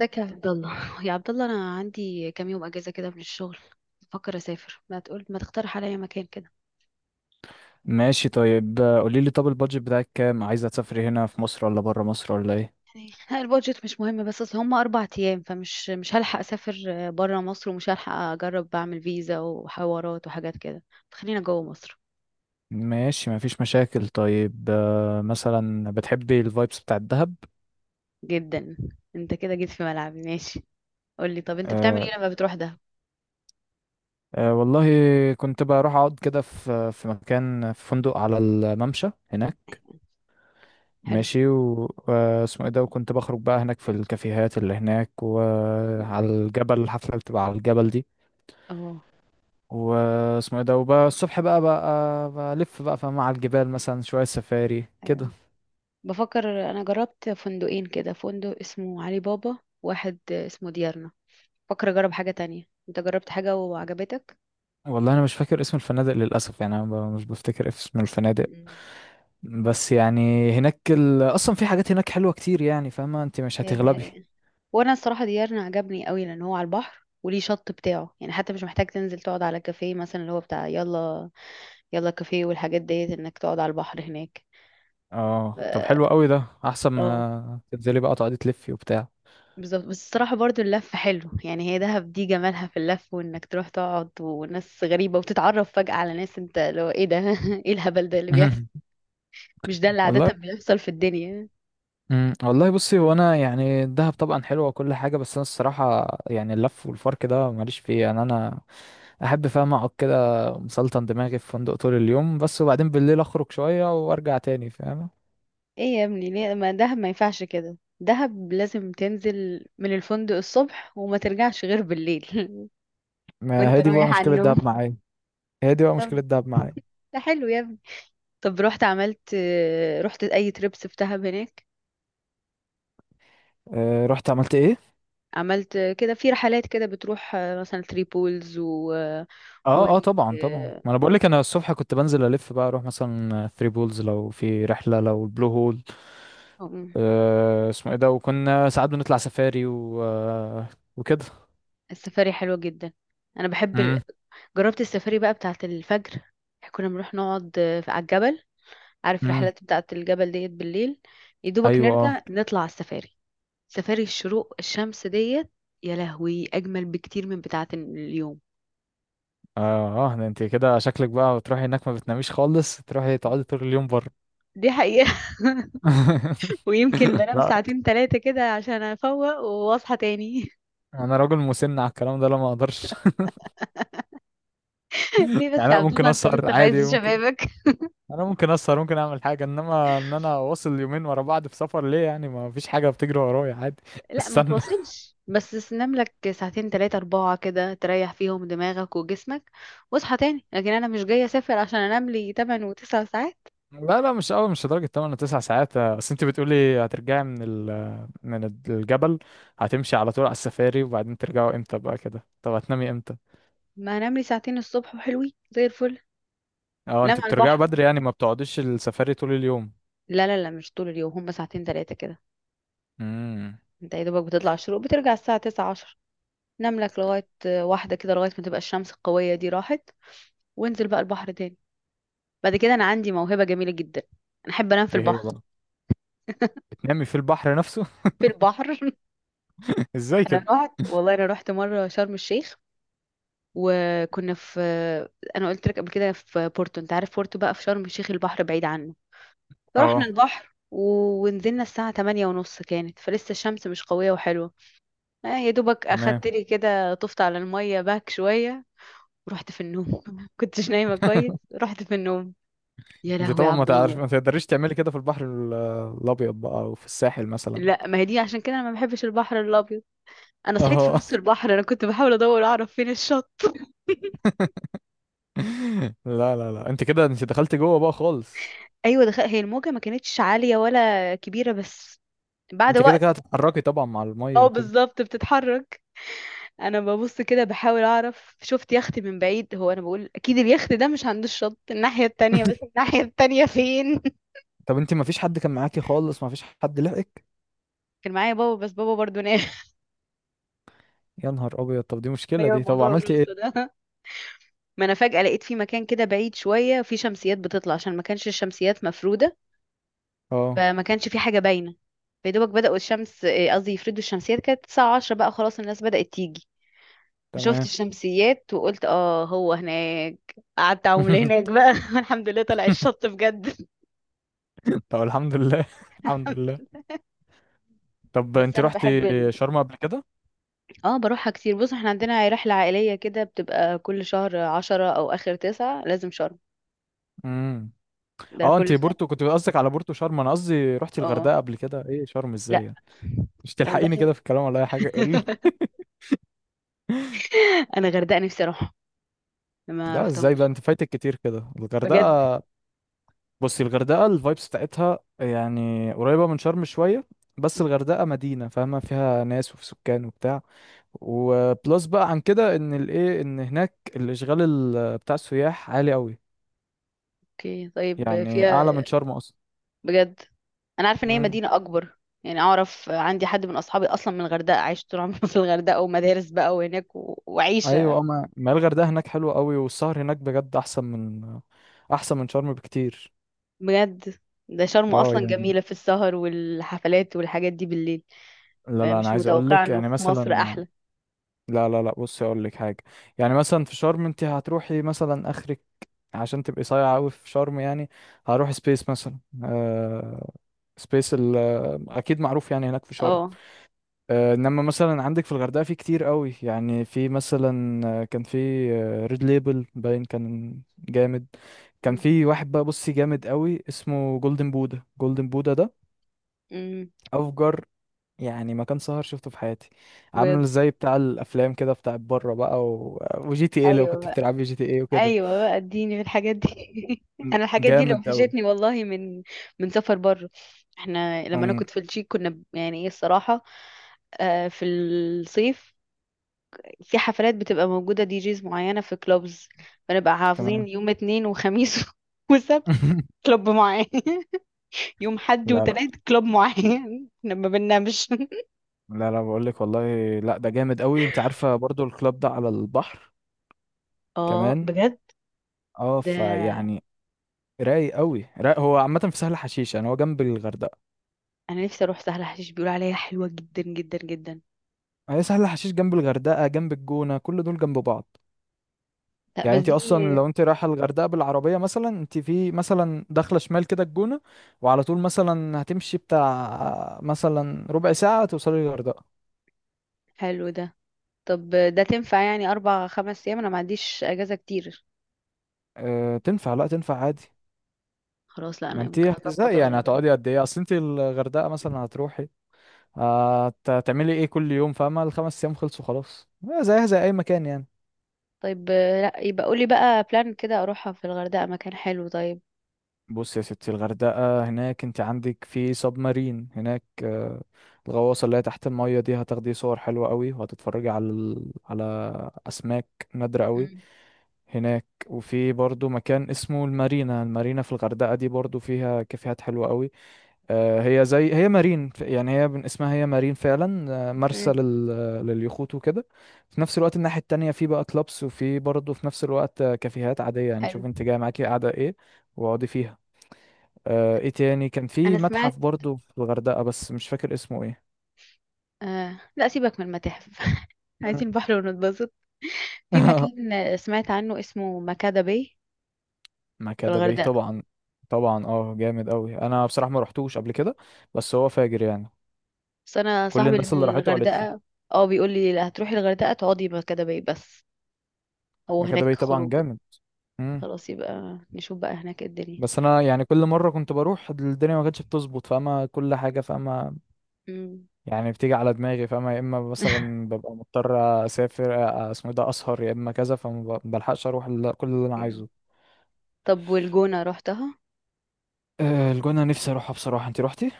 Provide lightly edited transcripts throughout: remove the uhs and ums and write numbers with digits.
ازيك يا عبد الله؟ يا عبد الله، انا عندي كام يوم اجازه كده من الشغل. بفكر اسافر، ما تقترح عليا مكان كده. ماشي، طيب. قولي لي، طب البادجت بتاعك كام؟ عايزة تسافري هنا في مصر ولا برا مصر ولا ايه؟ يعني لا، البادجت مش مهم، بس اصل هم 4 ايام، فمش مش هلحق اسافر بره مصر، ومش هلحق اجرب بعمل فيزا وحوارات وحاجات كده، فخلينا جوه مصر. ماشي، مفيش مشاكل. طيب مثلا بتحبي الفايبس بتاع الدهب. جدا. انت كده جيت في ملعبي. ماشي. قول لي، طب انت بتعمل آه، ايه لما بتروح؟ ده والله كنت بروح اقعد كده في مكان في فندق على الممشى هناك. حلو. ماشي واسمه ايه ده، وكنت بخرج بقى هناك في الكافيهات اللي هناك وعلى م- الجبل، الحفلة اللي بتبقى على الجبل دي. اه واسمه ايه ده، وبقى الصبح بقى بلف بقى، فاهمة؟ على الجبال مثلا شوية سفاري كده. أيوة. بفكر، انا جربت فندقين كده، فندق اسمه علي بابا، واحد اسمه ديارنا. بفكر اجرب حاجة تانية. انت جربت حاجة وعجبتك؟ والله انا مش فاكر اسم الفنادق للاسف، يعني انا مش بفتكر اسم الفنادق. مم. بس يعني هناك اصلا في حاجات هناك حلوه كتير يعني، فاهمه؟ انت مش هي دي هتغلبي. حقيقة. وانا الصراحة ديارنا عجبني قوي، لان هو على البحر وليه شط بتاعه، يعني حتى مش محتاج تنزل تقعد على كافيه مثلا اللي هو بتاع يلا، يلا كافيه والحاجات ديت، انك تقعد على البحر هناك. اه طب حلو ف- قوي ده، احسن اه، ما تنزلي بقى تقعدي تلفي وبتاع. بالظبط. بس الصراحة برضو اللف حلو، يعني هي دهب دي جمالها في اللف، وانك تروح تقعد وناس غريبة وتتعرف فجأة على ناس. انت لو ايه ده ايه الهبل ده اللي بيحصل؟ مهم. مش ده اللي والله. عادة بيحصل في الدنيا؟ مم. والله بصي، هو انا يعني الدهب طبعا حلوه وكل حاجه، بس انا الصراحه يعني اللف والفرك ده ماليش فيه، يعني انا احب، فاهم، اقعد كده مسلطن دماغي في فندق طول اليوم بس، وبعدين بالليل اخرج شويه وارجع تاني، فاهمه؟ ايه يا ابني؟ ليه؟ ما دهب ما ينفعش كده، دهب لازم تنزل من الفندق الصبح وما ترجعش غير بالليل. ما وانت هي دي بقى رايح على مشكله النوم. الدهب معايا. هي دي بقى مشكلة طب، دهب معايا. ده حلو يا ابني. طب رحت اي تريبس في دهب هناك؟ أه، رحت عملت ايه؟ عملت كده في رحلات كده، بتروح مثلا ثري بولز و اه اه وادي طبعا طبعا، ما انا بقول لك، انا الصبح كنت بنزل الف بقى اروح مثلا ثري بولز لو في رحلة، لو البلو هول. أم، أه اسمه ايه ده، وكنا ساعات بنطلع سفاري و وكده. السفاري حلوة جدا. انا بحب امم. جربت السفاري بقى بتاعت الفجر. كنا بنروح نقعد على الجبل، عارف امم. رحلات بتاعت الجبل ديت بالليل؟ يدوبك ايوه اه. نرجع نطلع على السفاري، سفاري الشروق، الشمس ديت. يا لهوي، اجمل بكتير من بتاعت اليوم. اه اه ده انت كده شكلك بقى بتروحي هناك ما بتناميش خالص، تروحي تقعدي طول اليوم بره. دي حقيقة. ويمكن بنام لا، ساعتين ثلاثة كده، عشان افوق واصحى تاني. انا راجل مسن على الكلام ده، لا ما اقدرش. يعني ليه بس يا انا عبد ممكن الله؟ انت اسهر لسه في عادي، عز ممكن. شبابك. انا ممكن اسهر، ممكن اعمل حاجه، انما ان انا واصل يومين ورا بعض في سفر، ليه؟ يعني ما فيش حاجه بتجري ورايا، عادي. لا ما استنى. توصلش، بس تنام لك ساعتين ثلاثة أربعة كده تريح فيهم دماغك وجسمك، واصحى تاني. لكن أنا مش جاية أسافر عشان أنام لي 8 و9 ساعات. لا لا مش قوي، مش لدرجه 8 9 ساعات. بس انت بتقولي هترجعي من من الجبل، هتمشي على طول على السفاري وبعدين ترجعوا امتى بقى كده؟ طب هتنامي امتى؟ ما أنام لي ساعتين الصبح، وحلوين زي الفل. اه نام انت على بترجعوا البحر. بدري يعني، ما بتقعديش السفاري طول اليوم؟ لا، لا، لا، مش طول اليوم، هم ساعتين تلاتة كده. امم. انت يا دوبك بتطلع الشروق، بترجع الساعة تسعة عشر، نام لك لغاية واحدة كده، لغاية ما تبقى الشمس القوية دي راحت، وانزل بقى البحر تاني. بعد كده، انا عندي موهبة جميلة جدا. انا احب انام في ايه هي البحر. بقى؟ بتنامي في البحر نفسه؟ في البحر. ازاي انا كده؟ رحت والله انا رحت مرة شرم الشيخ، وكنا في... انا قلت لك قبل كده في بورتو، انت عارف بورتو بقى في شرم الشيخ البحر بعيد عنه. فرحنا اه. البحر ونزلنا الساعة 8:30، كانت فلسه الشمس مش قوية وحلوة. يا دوبك تمام. اخدت لي كده، طفت على الميه باك شويه، ورحت في النوم. كنتش نايمه كويس، رحت في النوم. يا انت لهوي يا طبعا ما عبد تعرف، الله. ما تقدريش تعملي كده في البحر الابيض بقى او في الساحل مثلا. لا، ما هي دي عشان كده انا ما بحبش البحر الابيض. انا صحيت في اه. نص البحر، انا كنت بحاول ادور اعرف فين الشط. لا لا لا انت كده، انت دخلت جوه بقى خالص. ايوه دخل. هي الموجه ما كانتش عاليه ولا كبيره، بس بعد انت كده وقت... كده هتتحركي طبعا مع الميه اه، وكده. بالظبط، بتتحرك. انا ببص كده بحاول اعرف، شفت يخت من بعيد. هو انا بقول اكيد اليخت ده مش عند الشط الناحيه التانية. بس الناحيه التانية فين؟ طب انت ما فيش حد كان معاكي خالص؟ ما فيش حد لحقك؟ كان معايا بابا، بس بابا برضو نام. يا نهار ابيض، طب دي مشكله ايوه، دي، طب موضوع عملتي ايه؟ الوراثه ده. ما انا فجاه لقيت في مكان كده بعيد شويه في شمسيات بتطلع، عشان ما كانش الشمسيات مفروده، اه. فما كانش في حاجه باينه. فيدوبك بداوا الشمس، إيه قصدي، يفردوا الشمسيات، كانت الساعه 10 بقى، خلاص الناس بدات تيجي. فشفت تمام. الشمسيات وقلت، اه هو هناك. قعدت اعوم هناك بقى. الحمد لله طلع الشط بجد. طب الحمد لله. الحمد لله. طب بس انت انا بحب رحتي ال... شرم قبل كده؟ اه، بروحها كتير. بص، احنا عندنا رحله عائليه كده بتبقى كل شهر عشرة او اخر تسعة لازم شرم. امم. ده اه انت كل سنه. بورتو كنت قصدك؟ على بورتو شرم؟ انا قصدي رحتي اه، الغردقه قبل كده، ايه شرم ازاي لا، يعني؟ مش تلحقيني كده غردقه. في الكلام ولا اي حاجه، قولي. انا غردقه نفسي اروح، ما لا ازاي بقى رحتهمش. انت فايتك كتير كده بجد. الغردقه؟ بصي الغردقة الفايبس بتاعتها يعني قريبة من شرم شوية، بس الغردقة مدينة، فاهمة؟ فيها ناس وفي سكان وبتاع. وبلس بقى عن كده ان الايه، ان هناك الاشغال بتاع السياح عالي قوي، اوكي طيب، يعني اعلى من فيها؟ شرم اصلا. بجد، انا عارفه ان هي امم. مدينه اكبر. يعني اعرف، عندي حد من اصحابي اصلا من الغردقه عايش طول عمره في الغردقه ومدارس بقى وهناك، و... ايوه وعيشه. اما ما الغردقة هناك حلوة قوي، والسهر هناك بجد احسن من، احسن من شرم بكتير. بجد؟ ده شرم اه اصلا يعني، جميله في السهر والحفلات والحاجات دي بالليل. لا يعني لا انا مش عايز اقول متوقعه لك انه يعني في مصر مثلا، احلى. لا لا لا بصي اقول لك حاجه. يعني مثلا في شرم انت هتروحي مثلا اخرك، عشان تبقي صايعه قوي في شرم يعني، هروح سبيس مثلا. آه سبيس اكيد معروف يعني هناك في شرم. اه. انما مثلا عندك في الغردقه في كتير قوي، يعني في مثلا كان في ريد ليبل، باين كان جامد. كان في واحد بقى، بصي، جامد قوي اسمه جولدن بودا. جولدن بودا ده أمم، افجر يعني مكان سهر شفته في حياتي. عامل بجد؟ زي بتاع الافلام كده بتاع بره بقى وجي تي ايه، لو كنت ايوه. بتلعب جي تي ايه وكده. ايوه بقى، اديني في الحاجات دي. م- انا الحاجات دي اللي جامد قوي. وحشتني والله، من سفر بره. احنا لما انا كنت في التشيك كنا يعني ايه الصراحه، في الصيف في حفلات بتبقى موجوده، دي جيز معينه في كلوبز. فنبقى حافظين تمام. يوم اتنين وخميس وسبت كلوب معين. يوم حد لا لا، وتلات كلوب معين. احنا ما بننامش. لا لا بقول لك والله، لا ده جامد قوي. انت عارفه برضو الكلاب ده على البحر اه، كمان. بجد؟ اه ده فيعني رايق قوي رايق، هو عامه في سهل حشيش يعني، هو جنب الغردقه. انا نفسي اروح سهل حشيش، بيقولوا عليها حلوه جدا جدا جدا. هي سهل حشيش جنب الغردقه، جنب الجونه، كل دول جنب بعض. لا يعني بس انت اصلا دي... لو انت رايحه الغردقه بالعربيه مثلا، انت في مثلا داخله شمال كده الجونه وعلى طول، مثلا هتمشي بتاع مثلا ربع ساعه توصلي الغردقه. حلو ده. طب ده تنفع؟ يعني أربع خمس أيام، أنا ما عنديش أجازة كتير. اه تنفع، لا تنفع عادي. خلاص. لا، ما أنا انت ممكن أظبط هتزهقي يعني، الغردقة. هتقعدي قد ايه؟ اصل انت الغردقه مثلا هتروحي هتعملي ايه كل يوم، فاهمه؟ الخمس ايام خلصوا خلاص، اه زيها زي اي مكان يعني. طيب. لا يبقى قولي بقى بلان كده أروحها في الغردقة، مكان حلو طيب. بص يا ستي، الغردقة هناك انت عندك في سب مارين هناك، الغواصة اللي هي تحت المية دي، هتاخدي صور حلوة قوي، وهتتفرجي على على أسماك نادرة قوي مم. هناك. وفي برضو مكان اسمه المارينا. المارينا في الغردقة دي برضو فيها كافيهات حلوة قوي. هي زي هي مارين يعني، هي من اسمها هي مارين فعلا، مرسى أوكي، لليخوت وكده. في نفس الوقت الناحية التانية في بقى كلابس، وفي برضو في نفس الوقت كافيهات عادية يعني، حلو. شوف انت جاي معاكي قاعدة ايه، واقعدي فيها. آه، ايه تاني؟ كان في أنا متحف سمعت برضو في الغردقة بس مش فاكر اسمه ايه. لا، سيبك من المتاحف. مم. عايزين بحر ونتبسط. في مكان سمعت عنه اسمه مكادة باي، في مكادة باي الغردقة. طبعا. طبعا اه، جامد قوي. انا بصراحة ما رحتوش قبل كده بس هو فاجر يعني. بس أنا كل صاحبي اللي الناس من اللي راحته قالت لي الغردقة، اه بيقول لي لا، هتروحي الغردقة تقعدي مكادة باي بس. هو مكادة هناك باي طبعا خروج. جامد. مم. خلاص يبقى نشوف بقى هناك إيه الدنيا. بس انا يعني كل مرة كنت بروح الدنيا ما كانتش بتظبط، فاما كل حاجة، فاما مم. يعني بتيجي على دماغي، فاما يا اما مثلا ببقى مضطر اسافر اسمه إيه ده اسهر، يا اما كذا، فما بلحقش اروح كل اللي انا عايزه. طب، والجونة روحتها؟ الجونة نفسي اروحها بصراحة، انت روحتي؟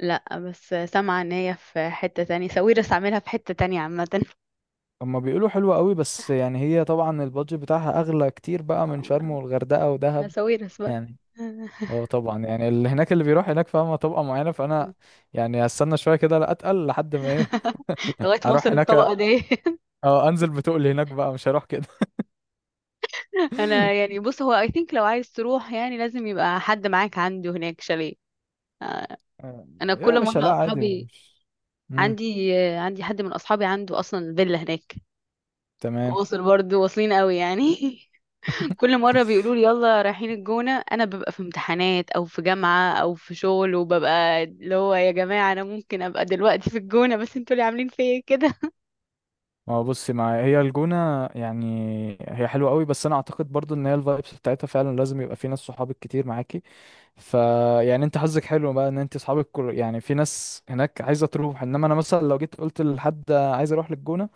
لا، بس سامعة ان هي في حتة تانية، ساويرس عاملها في حتة تانية عامة. هما بيقولوا حلوة قوي، بس يعني هي طبعا البادجت بتاعها اغلى كتير بقى من شرم والغردقة ودهب ساويرس بقى. يعني. اه طبعا يعني اللي هناك، اللي بيروح هناك فاهمة طبقة معينة، فانا يعني هستنى شوية كده، لا اتقل لحد ما ايه، لغاية ما اروح اوصل هناك. الطبقة دي. اه انزل بتقل هناك بقى، مش هروح كده. انا يعني، بص، هو اي ثينك لو عايز تروح يعني لازم يبقى حد معاك عنده هناك شاليه. آه، آه، انا يا كل باشا لا مرة عادي، اصحابي مش، امم، عندي آه، عندي حد من اصحابي عنده اصلا فيلا هناك. تمام. واصل برضه، واصلين قوي يعني. كل مرة بيقولوا لي يلا رايحين الجونة، أنا ببقى في امتحانات أو في جامعة أو في شغل، وببقى اللي هو يا جماعة، أنا ممكن أبقى دلوقتي في الجونة بس انتوا اللي عاملين فيا كده. ما هو بصي معايا هي الجونة يعني، هي حلوة قوي بس انا اعتقد برضو ان هي الفايبس بتاعتها فعلا لازم يبقى في ناس صحابك كتير معاكي، فيعني انت حظك حلو بقى ان انت اصحابك، كل يعني في ناس هناك عايزه تروح. انما انا مثلا لو جيت قلت لحد عايز اروح للجونه،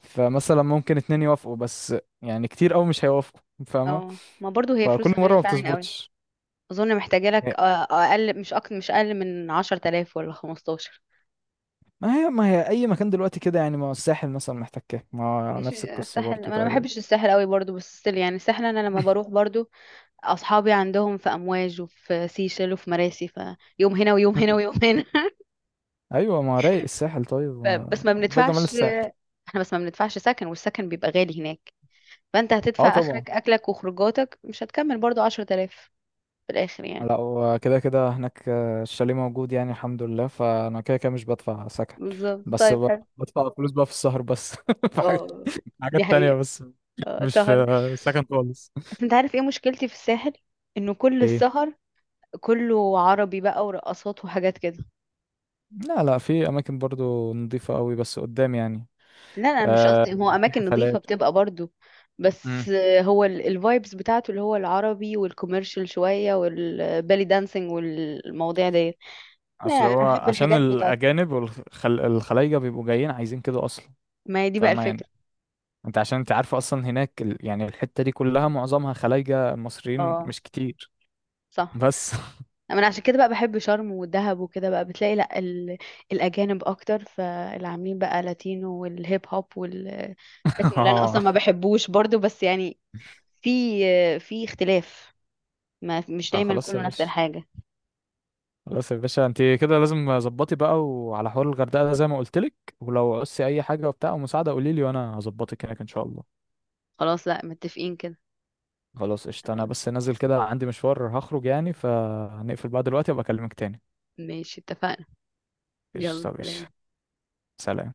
فمثلا ممكن اتنين يوافقوا بس، يعني كتير قوي مش هيوافقوا، فاهمه؟ اه، ما برضو هي فكل فلوسها مره غالية ما فعلا قوي. بتظبطش. أظن محتاجة لك هي- أقل، مش أكتر، مش أقل من عشرة آلاف ولا 15. ما هي، ما هي اي مكان دلوقتي كده يعني، ما هو الساحل مثلا محتاج كده، ما هو نفس ماشي، القصه الساحل. ما برضو أنا ما تقريبا. بحبش الساحل قوي برضو، بس still يعني الساحل أنا لما بروح برضو أصحابي عندهم في أمواج وفي سيشل وفي مراسي، فيوم هنا ويوم هنا مم. ويوم هنا. ايوه ما هو رايق الساحل طيب، ما بس ما ده جمال بندفعش. الساحل. احنا بس ما بندفعش سكن، والسكن بيبقى غالي هناك. فانت اه هتدفع طبعا. اخرك اكلك وخروجاتك، مش هتكمل برضو 10,000 في الاخر يعني. لا وكده كده هناك الشاليه موجود يعني، الحمد لله، فانا كده كده مش بدفع سكن. بالظبط بس طيب حلو. بدفع فلوس بقى في السهر بس. في حاجة- اه، دي حاجات تانية حقيقة. بس. اه، مش سهر. في سكن خالص. بس انت عارف ايه مشكلتي في الساحل؟ انه كل ايه؟ السهر كله عربي بقى، ورقصات وحاجات كده. لا لا في اماكن برضو نظيفة قوي بس قدام يعني. لا، انا مش آه، قصدي، هو في اماكن نظيفة حفلات. بتبقى برضو. بس امم. هو الفايبس بتاعته اللي هو العربي والكوميرشال شوية والبالي دانسينج والمواضيع ديت. لا، اصل انا هو احب عشان الحاجات بتاعت... الاجانب والخلايجة بيبقوا جايين عايزين كده اصلا، ما هي دي بقى فاهمة يعني؟ الفكرة. انت عشان انت عارفة اصلا هناك يعني الحتة دي كلها معظمها خلايجة، مصريين اه، مش كتير صح. بس. انا عشان كده بقى بحب شرم والدهب وكده، بقى بتلاقي لا ال... الاجانب اكتر، فاللي عاملين بقى لاتينو والهيب هوب والتكنو اللي انا اصلا ما اه. بحبوش برضو، بس يعني في في اختلاف. ما مش اه دايما خلاص يا كله نفس باشا، الحاجة. خلاص يا باشا، انت كده لازم ظبطي بقى وعلى حوار الغردقه ده زي ما قلت لك. ولو عوزتي اي حاجه وبتاع ومساعده قولي لي وانا هظبطك هناك ان شاء الله. خلاص. لا، متفقين كده. خلاص قشطه، انا بس نازل كده عندي مشوار هخرج يعني، فهنقفل بقى دلوقتي، وابقى اكلمك تاني. ماشي، اتفقنا. قشطه يلا يا باشا. سلام. سلام.